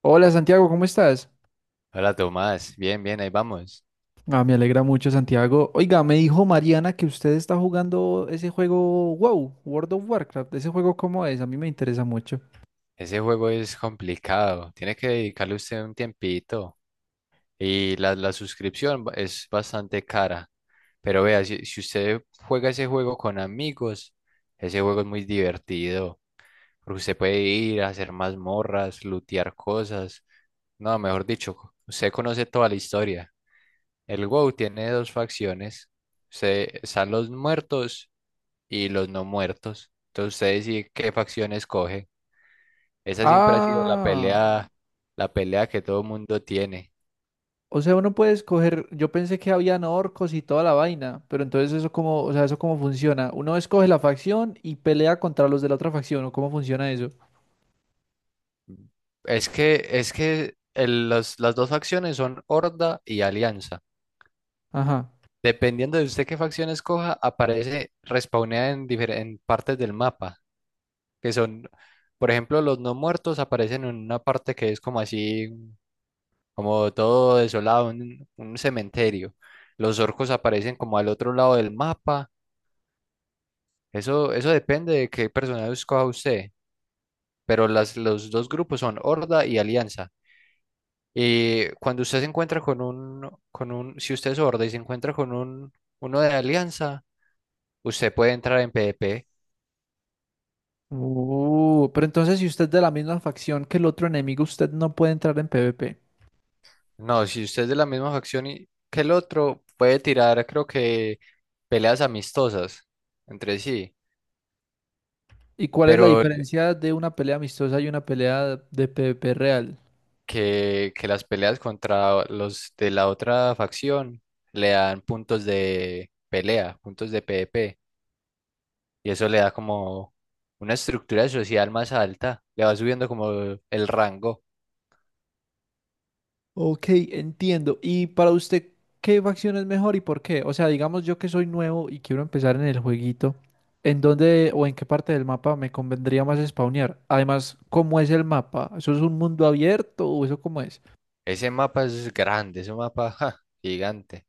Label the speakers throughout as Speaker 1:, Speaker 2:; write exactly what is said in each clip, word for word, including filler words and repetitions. Speaker 1: Hola Santiago, ¿cómo estás?
Speaker 2: Hola Tomás, bien, bien, ahí vamos.
Speaker 1: Ah, me alegra mucho Santiago. Oiga, me dijo Mariana que usted está jugando ese juego uau, World of Warcraft. ¿Ese juego cómo es? A mí me interesa mucho.
Speaker 2: Ese juego es complicado, tiene que dedicarle usted un tiempito y la, la suscripción ba- es bastante cara, pero vea, si, si usted juega ese juego con amigos, ese juego es muy divertido, porque usted puede ir a hacer mazmorras, lootear cosas, no, mejor dicho, usted conoce toda la historia. El WoW tiene dos facciones, se están los muertos y los no muertos, entonces usted decide qué facción escoge. Esa siempre ha sido la
Speaker 1: Ah,
Speaker 2: pelea, la pelea que todo el mundo tiene.
Speaker 1: o sea, uno puede escoger, yo pensé que habían orcos y toda la vaina, pero entonces eso cómo, o sea, eso cómo funciona. Uno escoge la facción y pelea contra los de la otra facción, ¿o cómo funciona eso?
Speaker 2: Es que, es que el- los- las dos facciones son Horda y Alianza.
Speaker 1: Ajá.
Speaker 2: Dependiendo de usted qué facción escoja, aparece respawnea en, difer- en partes del mapa, que son, por ejemplo, los no muertos aparecen en una parte que es como así, como todo desolado, un, un cementerio. Los orcos aparecen como al otro lado del mapa. Eso, eso depende de qué personaje escoja usted. Pero las, los dos grupos son Horda y Alianza. Y cuando usted se encuentra con un, con un, si usted es Horda y se encuentra con un, uno de Alianza, usted puede entrar en PvP.
Speaker 1: Uh, pero entonces si usted es de la misma facción que el otro enemigo, usted no puede entrar en P V P.
Speaker 2: No, si usted es de la misma facción y, que el otro, puede tirar, creo que, peleas amistosas entre sí,
Speaker 1: ¿Y cuál es la
Speaker 2: pero
Speaker 1: diferencia de una pelea amistosa y una pelea de P V P real?
Speaker 2: que, que las peleas contra los de la otra facción le dan puntos de pelea, puntos de PvP. Y eso le da como una estructura social más alta, le va subiendo como el rango.
Speaker 1: Ok, entiendo. ¿Y para usted qué facción es mejor y por qué? O sea, digamos yo que soy nuevo y quiero empezar en el jueguito, ¿en dónde o en qué parte del mapa me convendría más spawnear? Además, ¿cómo es el mapa? ¿Eso es un mundo abierto o eso cómo es?
Speaker 2: Ese mapa es grande, ese mapa ja, gigante.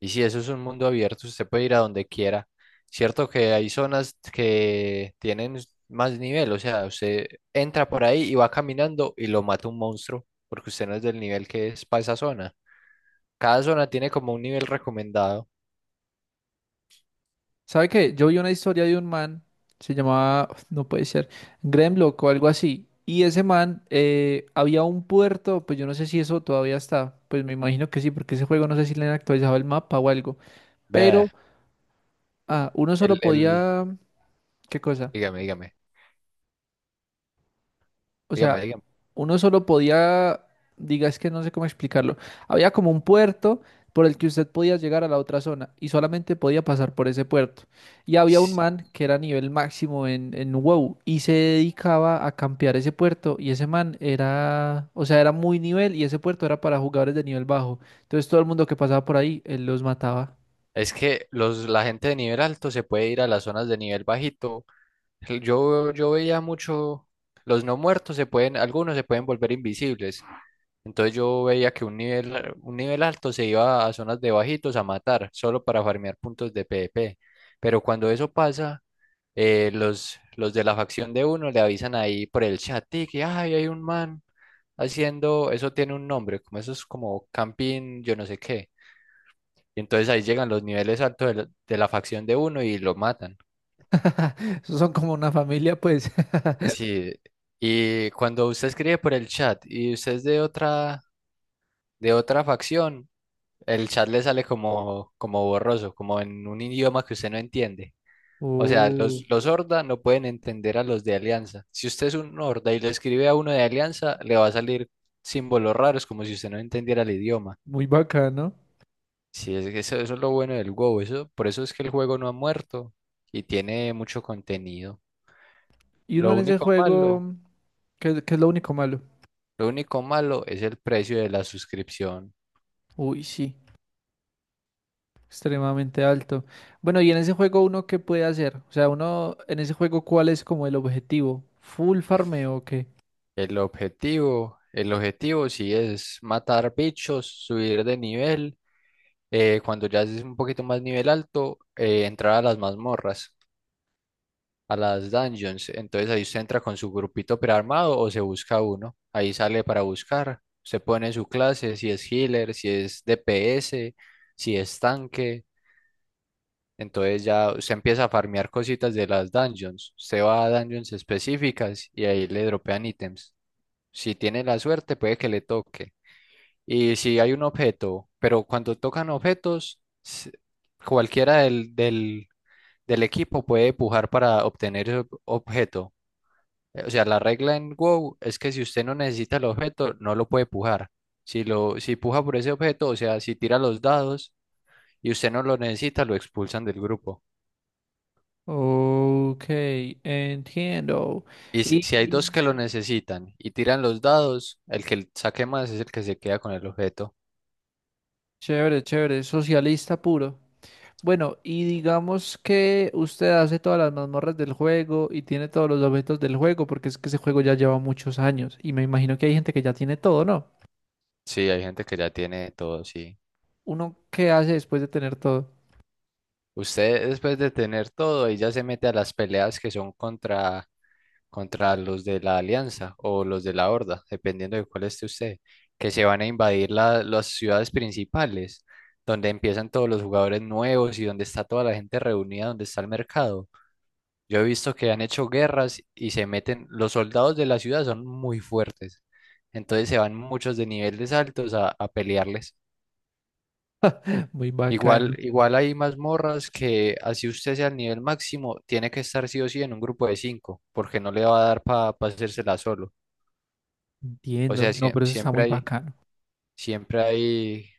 Speaker 2: Y si eso es un mundo abierto, usted puede ir a donde quiera. Cierto que hay zonas que tienen más nivel, o sea, usted entra por ahí y va caminando y lo mata un monstruo, porque usted no es del nivel que es para esa zona. Cada zona tiene como un nivel recomendado.
Speaker 1: ¿Sabe qué? Yo vi una historia de un man, se llamaba, no puede ser, Gremlock o algo así. Y ese man, eh, había un puerto, pues yo no sé si eso todavía está, pues me imagino que sí, porque ese juego no sé si le han actualizado el mapa o algo.
Speaker 2: Vea,
Speaker 1: Pero ah, uno solo
Speaker 2: el, el,
Speaker 1: podía, ¿qué cosa?
Speaker 2: dígame, dígame,
Speaker 1: O
Speaker 2: dígame,
Speaker 1: sea,
Speaker 2: dígame.
Speaker 1: uno solo podía, diga, es que no sé cómo explicarlo. Había como un puerto por el que usted podía llegar a la otra zona y solamente podía pasar por ese puerto. Y había un man que era nivel máximo en, en uau y se dedicaba a campear ese puerto y ese man era, o sea, era muy nivel y ese puerto era para jugadores de nivel bajo. Entonces todo el mundo que pasaba por ahí, él los mataba.
Speaker 2: Es que los, la gente de nivel alto se puede ir a las zonas de nivel bajito. El- Yo, yo veía mucho, los no muertos se pueden, algunos se pueden volver invisibles. Entonces yo veía que un nivel, un nivel alto se iba a zonas de bajitos a matar, solo para farmear puntos de PvP. Pero cuando eso pasa, eh, los, los de la facción de uno le avisan ahí por el chat, "Tic, que "Ay, hay un man haciendo, eso tiene un nombre, como eso es como camping, yo no sé qué. Y entonces ahí llegan los niveles altos de la, de la facción de uno y lo matan.
Speaker 1: Esos son como una familia, pues.
Speaker 2: Sí, y cuando usted escribe por el chat y usted es de otra, de otra facción, el chat le sale como, como borroso, como en un idioma que usted no entiende. O sea,
Speaker 1: Oh,
Speaker 2: los, los horda no pueden entender a los de alianza. Si usted es un horda y le escribe a uno de alianza, le va a salir símbolos raros, como si usted no entendiera el idioma.
Speaker 1: muy bacano.
Speaker 2: Sí, es que eso, eso es lo bueno del WoW, eso, por eso es que el juego no ha muerto y tiene mucho contenido.
Speaker 1: Y uno
Speaker 2: Lo
Speaker 1: en ese
Speaker 2: único malo,
Speaker 1: juego. ¿Qué, qué es lo único malo?
Speaker 2: lo único malo es el precio de la suscripción.
Speaker 1: Uy, sí, extremadamente alto. Bueno, ¿y en ese juego uno qué puede hacer? O sea, uno en ese juego ¿cuál es como el objetivo? ¿Full farmeo o qué?
Speaker 2: El objetivo, el objetivo sí es matar bichos, subir de nivel. eh, cuando ya es un poquito más nivel alto, eh, entrar a las mazmorras, a las dungeons. Entonces ahí usted entra con su grupito prearmado o se busca uno. Ahí sale para buscar. Se pone su clase, si es healer, si es D P S, si es tanque. Entonces ya usted empieza a farmear cositas de las dungeons. Usted va a dungeons específicas y ahí le dropean ítems. Si tiene la suerte, puede que le toque. Y si hay un objeto, pero cuando tocan objetos, s- cualquiera del, del, del equipo puede pujar para obtener ese ob- objeto. Eh, O sea, la regla en WoW es que si usted no necesita el objeto, no lo puede pujar. Si lo, si puja por ese objeto, o sea, si tira los dados y usted no lo necesita, lo expulsan del grupo.
Speaker 1: Ok, entiendo.
Speaker 2: Y si
Speaker 1: Y
Speaker 2: si hay dos que lo necesitan y tiran los dados, el que saque más es el que se queda con el objeto.
Speaker 1: chévere, chévere, socialista puro. Bueno, y digamos que usted hace todas las mazmorras del juego y tiene todos los objetos del juego, porque es que ese juego ya lleva muchos años y me imagino que hay gente que ya tiene todo, ¿no?
Speaker 2: Sí, hay gente que ya tiene todo, sí.
Speaker 1: ¿Uno qué hace después de tener todo?
Speaker 2: Usted después de tener todo, ahí ya se mete a las peleas que son contra, contra los de la Alianza o los de la Horda, dependiendo de cuál esté usted, que se van a invadir la- las ciudades principales, donde empiezan todos los jugadores nuevos y donde está toda la gente reunida, donde está el mercado. Yo he visto que han hecho guerras y se meten, los soldados de la ciudad son muy fuertes, entonces se van muchos de niveles altos a, a pelearles.
Speaker 1: Muy
Speaker 2: Igual,
Speaker 1: bacano.
Speaker 2: igual hay mazmorras que así usted sea el nivel máximo, tiene que estar sí o sí en un grupo de cinco, porque no le va a dar para hacérsela solo. O
Speaker 1: Entiendo,
Speaker 2: sea,
Speaker 1: no,
Speaker 2: siem-
Speaker 1: pero eso está
Speaker 2: siempre
Speaker 1: muy
Speaker 2: hay,
Speaker 1: bacano.
Speaker 2: siempre hay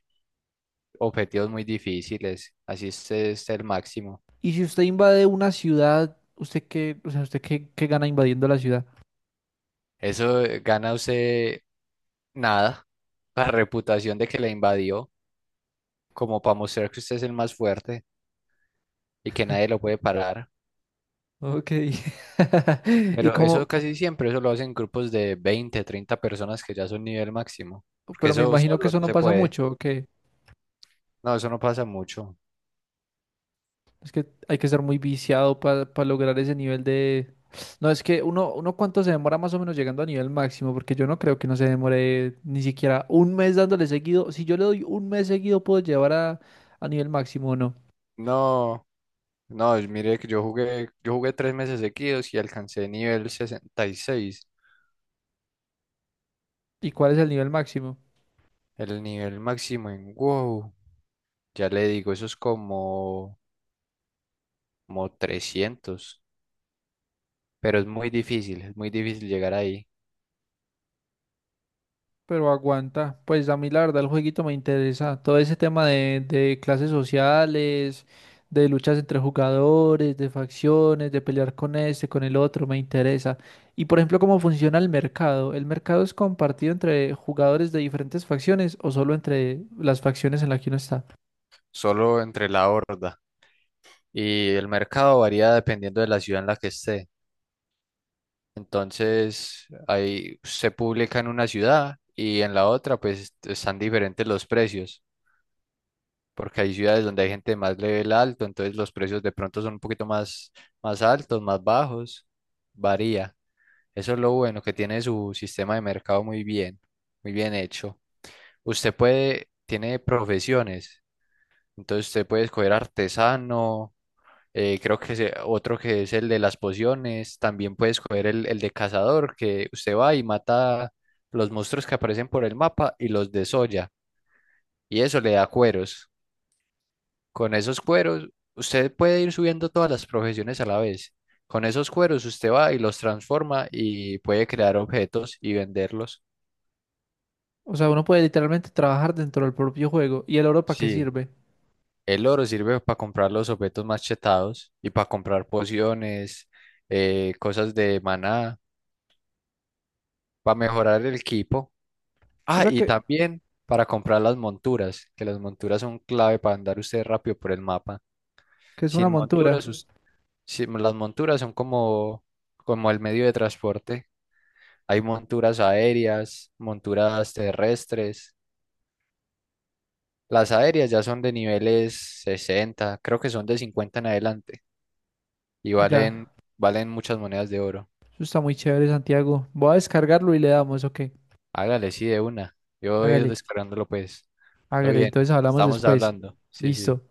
Speaker 2: objetivos muy difíciles, así usted esté el máximo.
Speaker 1: Y si usted invade una ciudad, ¿usted qué, o sea, usted qué, qué gana invadiendo la ciudad?
Speaker 2: Eso eh, gana usted nada, la reputación de que le invadió, como para mostrar que usted es el más fuerte y que nadie lo puede parar.
Speaker 1: Ok. Y
Speaker 2: Pero eso
Speaker 1: como,
Speaker 2: casi siempre, eso lo hacen grupos de veinte, treinta personas que ya son nivel máximo, porque
Speaker 1: pero me
Speaker 2: eso
Speaker 1: imagino
Speaker 2: solo
Speaker 1: que
Speaker 2: no
Speaker 1: eso no
Speaker 2: se
Speaker 1: pasa
Speaker 2: puede.
Speaker 1: mucho, ¿o qué?
Speaker 2: No, eso no pasa mucho.
Speaker 1: Es que hay que ser muy viciado para lograr ese nivel de… No, es que uno, uno ¿cuánto se demora más o menos llegando a nivel máximo? Porque yo no creo que no se demore ni siquiera un mes dándole seguido. Si yo le doy un mes seguido, ¿puedo llevar a, a nivel máximo o no?
Speaker 2: No, no, mire que yo jugué, yo jugué tres meses seguidos y alcancé nivel sesenta y seis,
Speaker 1: ¿Y cuál es el nivel máximo?
Speaker 2: el nivel máximo en WoW. Ya le digo, eso es como, como trescientos, pero es muy difícil, es muy difícil llegar ahí,
Speaker 1: Pero aguanta, pues a mí la verdad el jueguito me interesa. Todo ese tema de, de clases sociales, de luchas entre jugadores, de facciones, de pelear con este, con el otro, me interesa. Y por ejemplo, ¿cómo funciona el mercado? ¿El mercado es compartido entre jugadores de diferentes facciones o solo entre las facciones en las que uno está?
Speaker 2: solo entre la horda. Y el mercado varía dependiendo de la ciudad en la que esté. Entonces, ahí se publica en una ciudad y en la otra, pues están diferentes los precios, porque hay ciudades donde hay gente de más level alto, entonces los precios de pronto son un poquito más, más altos, más bajos, varía. Eso es lo bueno, que tiene su sistema de mercado muy bien, muy bien hecho. Usted puede, tiene profesiones, entonces usted puede escoger artesano. Eh, creo que se- otro que es el de las pociones. También puedes coger el, el de cazador, que usted va y mata los monstruos que aparecen por el mapa y los desolla. Y eso le da cueros. Con esos cueros, usted puede ir subiendo todas las profesiones a la vez. Con esos cueros, usted va y los transforma y puede crear objetos y venderlos.
Speaker 1: O sea, uno puede literalmente trabajar dentro del propio juego. ¿Y el oro para qué
Speaker 2: Sí,
Speaker 1: sirve?
Speaker 2: el oro sirve para comprar los objetos machetados y para comprar pociones, eh, cosas de maná, para mejorar el equipo.
Speaker 1: O
Speaker 2: Ah,
Speaker 1: sea,
Speaker 2: y
Speaker 1: que,
Speaker 2: también para comprar las monturas, que las monturas son clave para andar usted rápido por el mapa.
Speaker 1: que es una
Speaker 2: Sin monturas...
Speaker 1: montura?
Speaker 2: Ok. Us- sin- las monturas son como, como el medio de transporte. Hay monturas aéreas, monturas terrestres. Las aéreas ya son de niveles sesenta, creo que son de cincuenta en adelante y
Speaker 1: Mira,
Speaker 2: valen, valen muchas monedas de oro.
Speaker 1: eso está muy chévere, Santiago. Voy a descargarlo y le damos, ok.
Speaker 2: Hágale, sí, de una. Yo voy a ir
Speaker 1: Hágale.
Speaker 2: descargándolo, pues. Todo
Speaker 1: Hágale,
Speaker 2: bien,
Speaker 1: entonces hablamos
Speaker 2: estamos
Speaker 1: después.
Speaker 2: hablando. Sí, sí.
Speaker 1: Listo.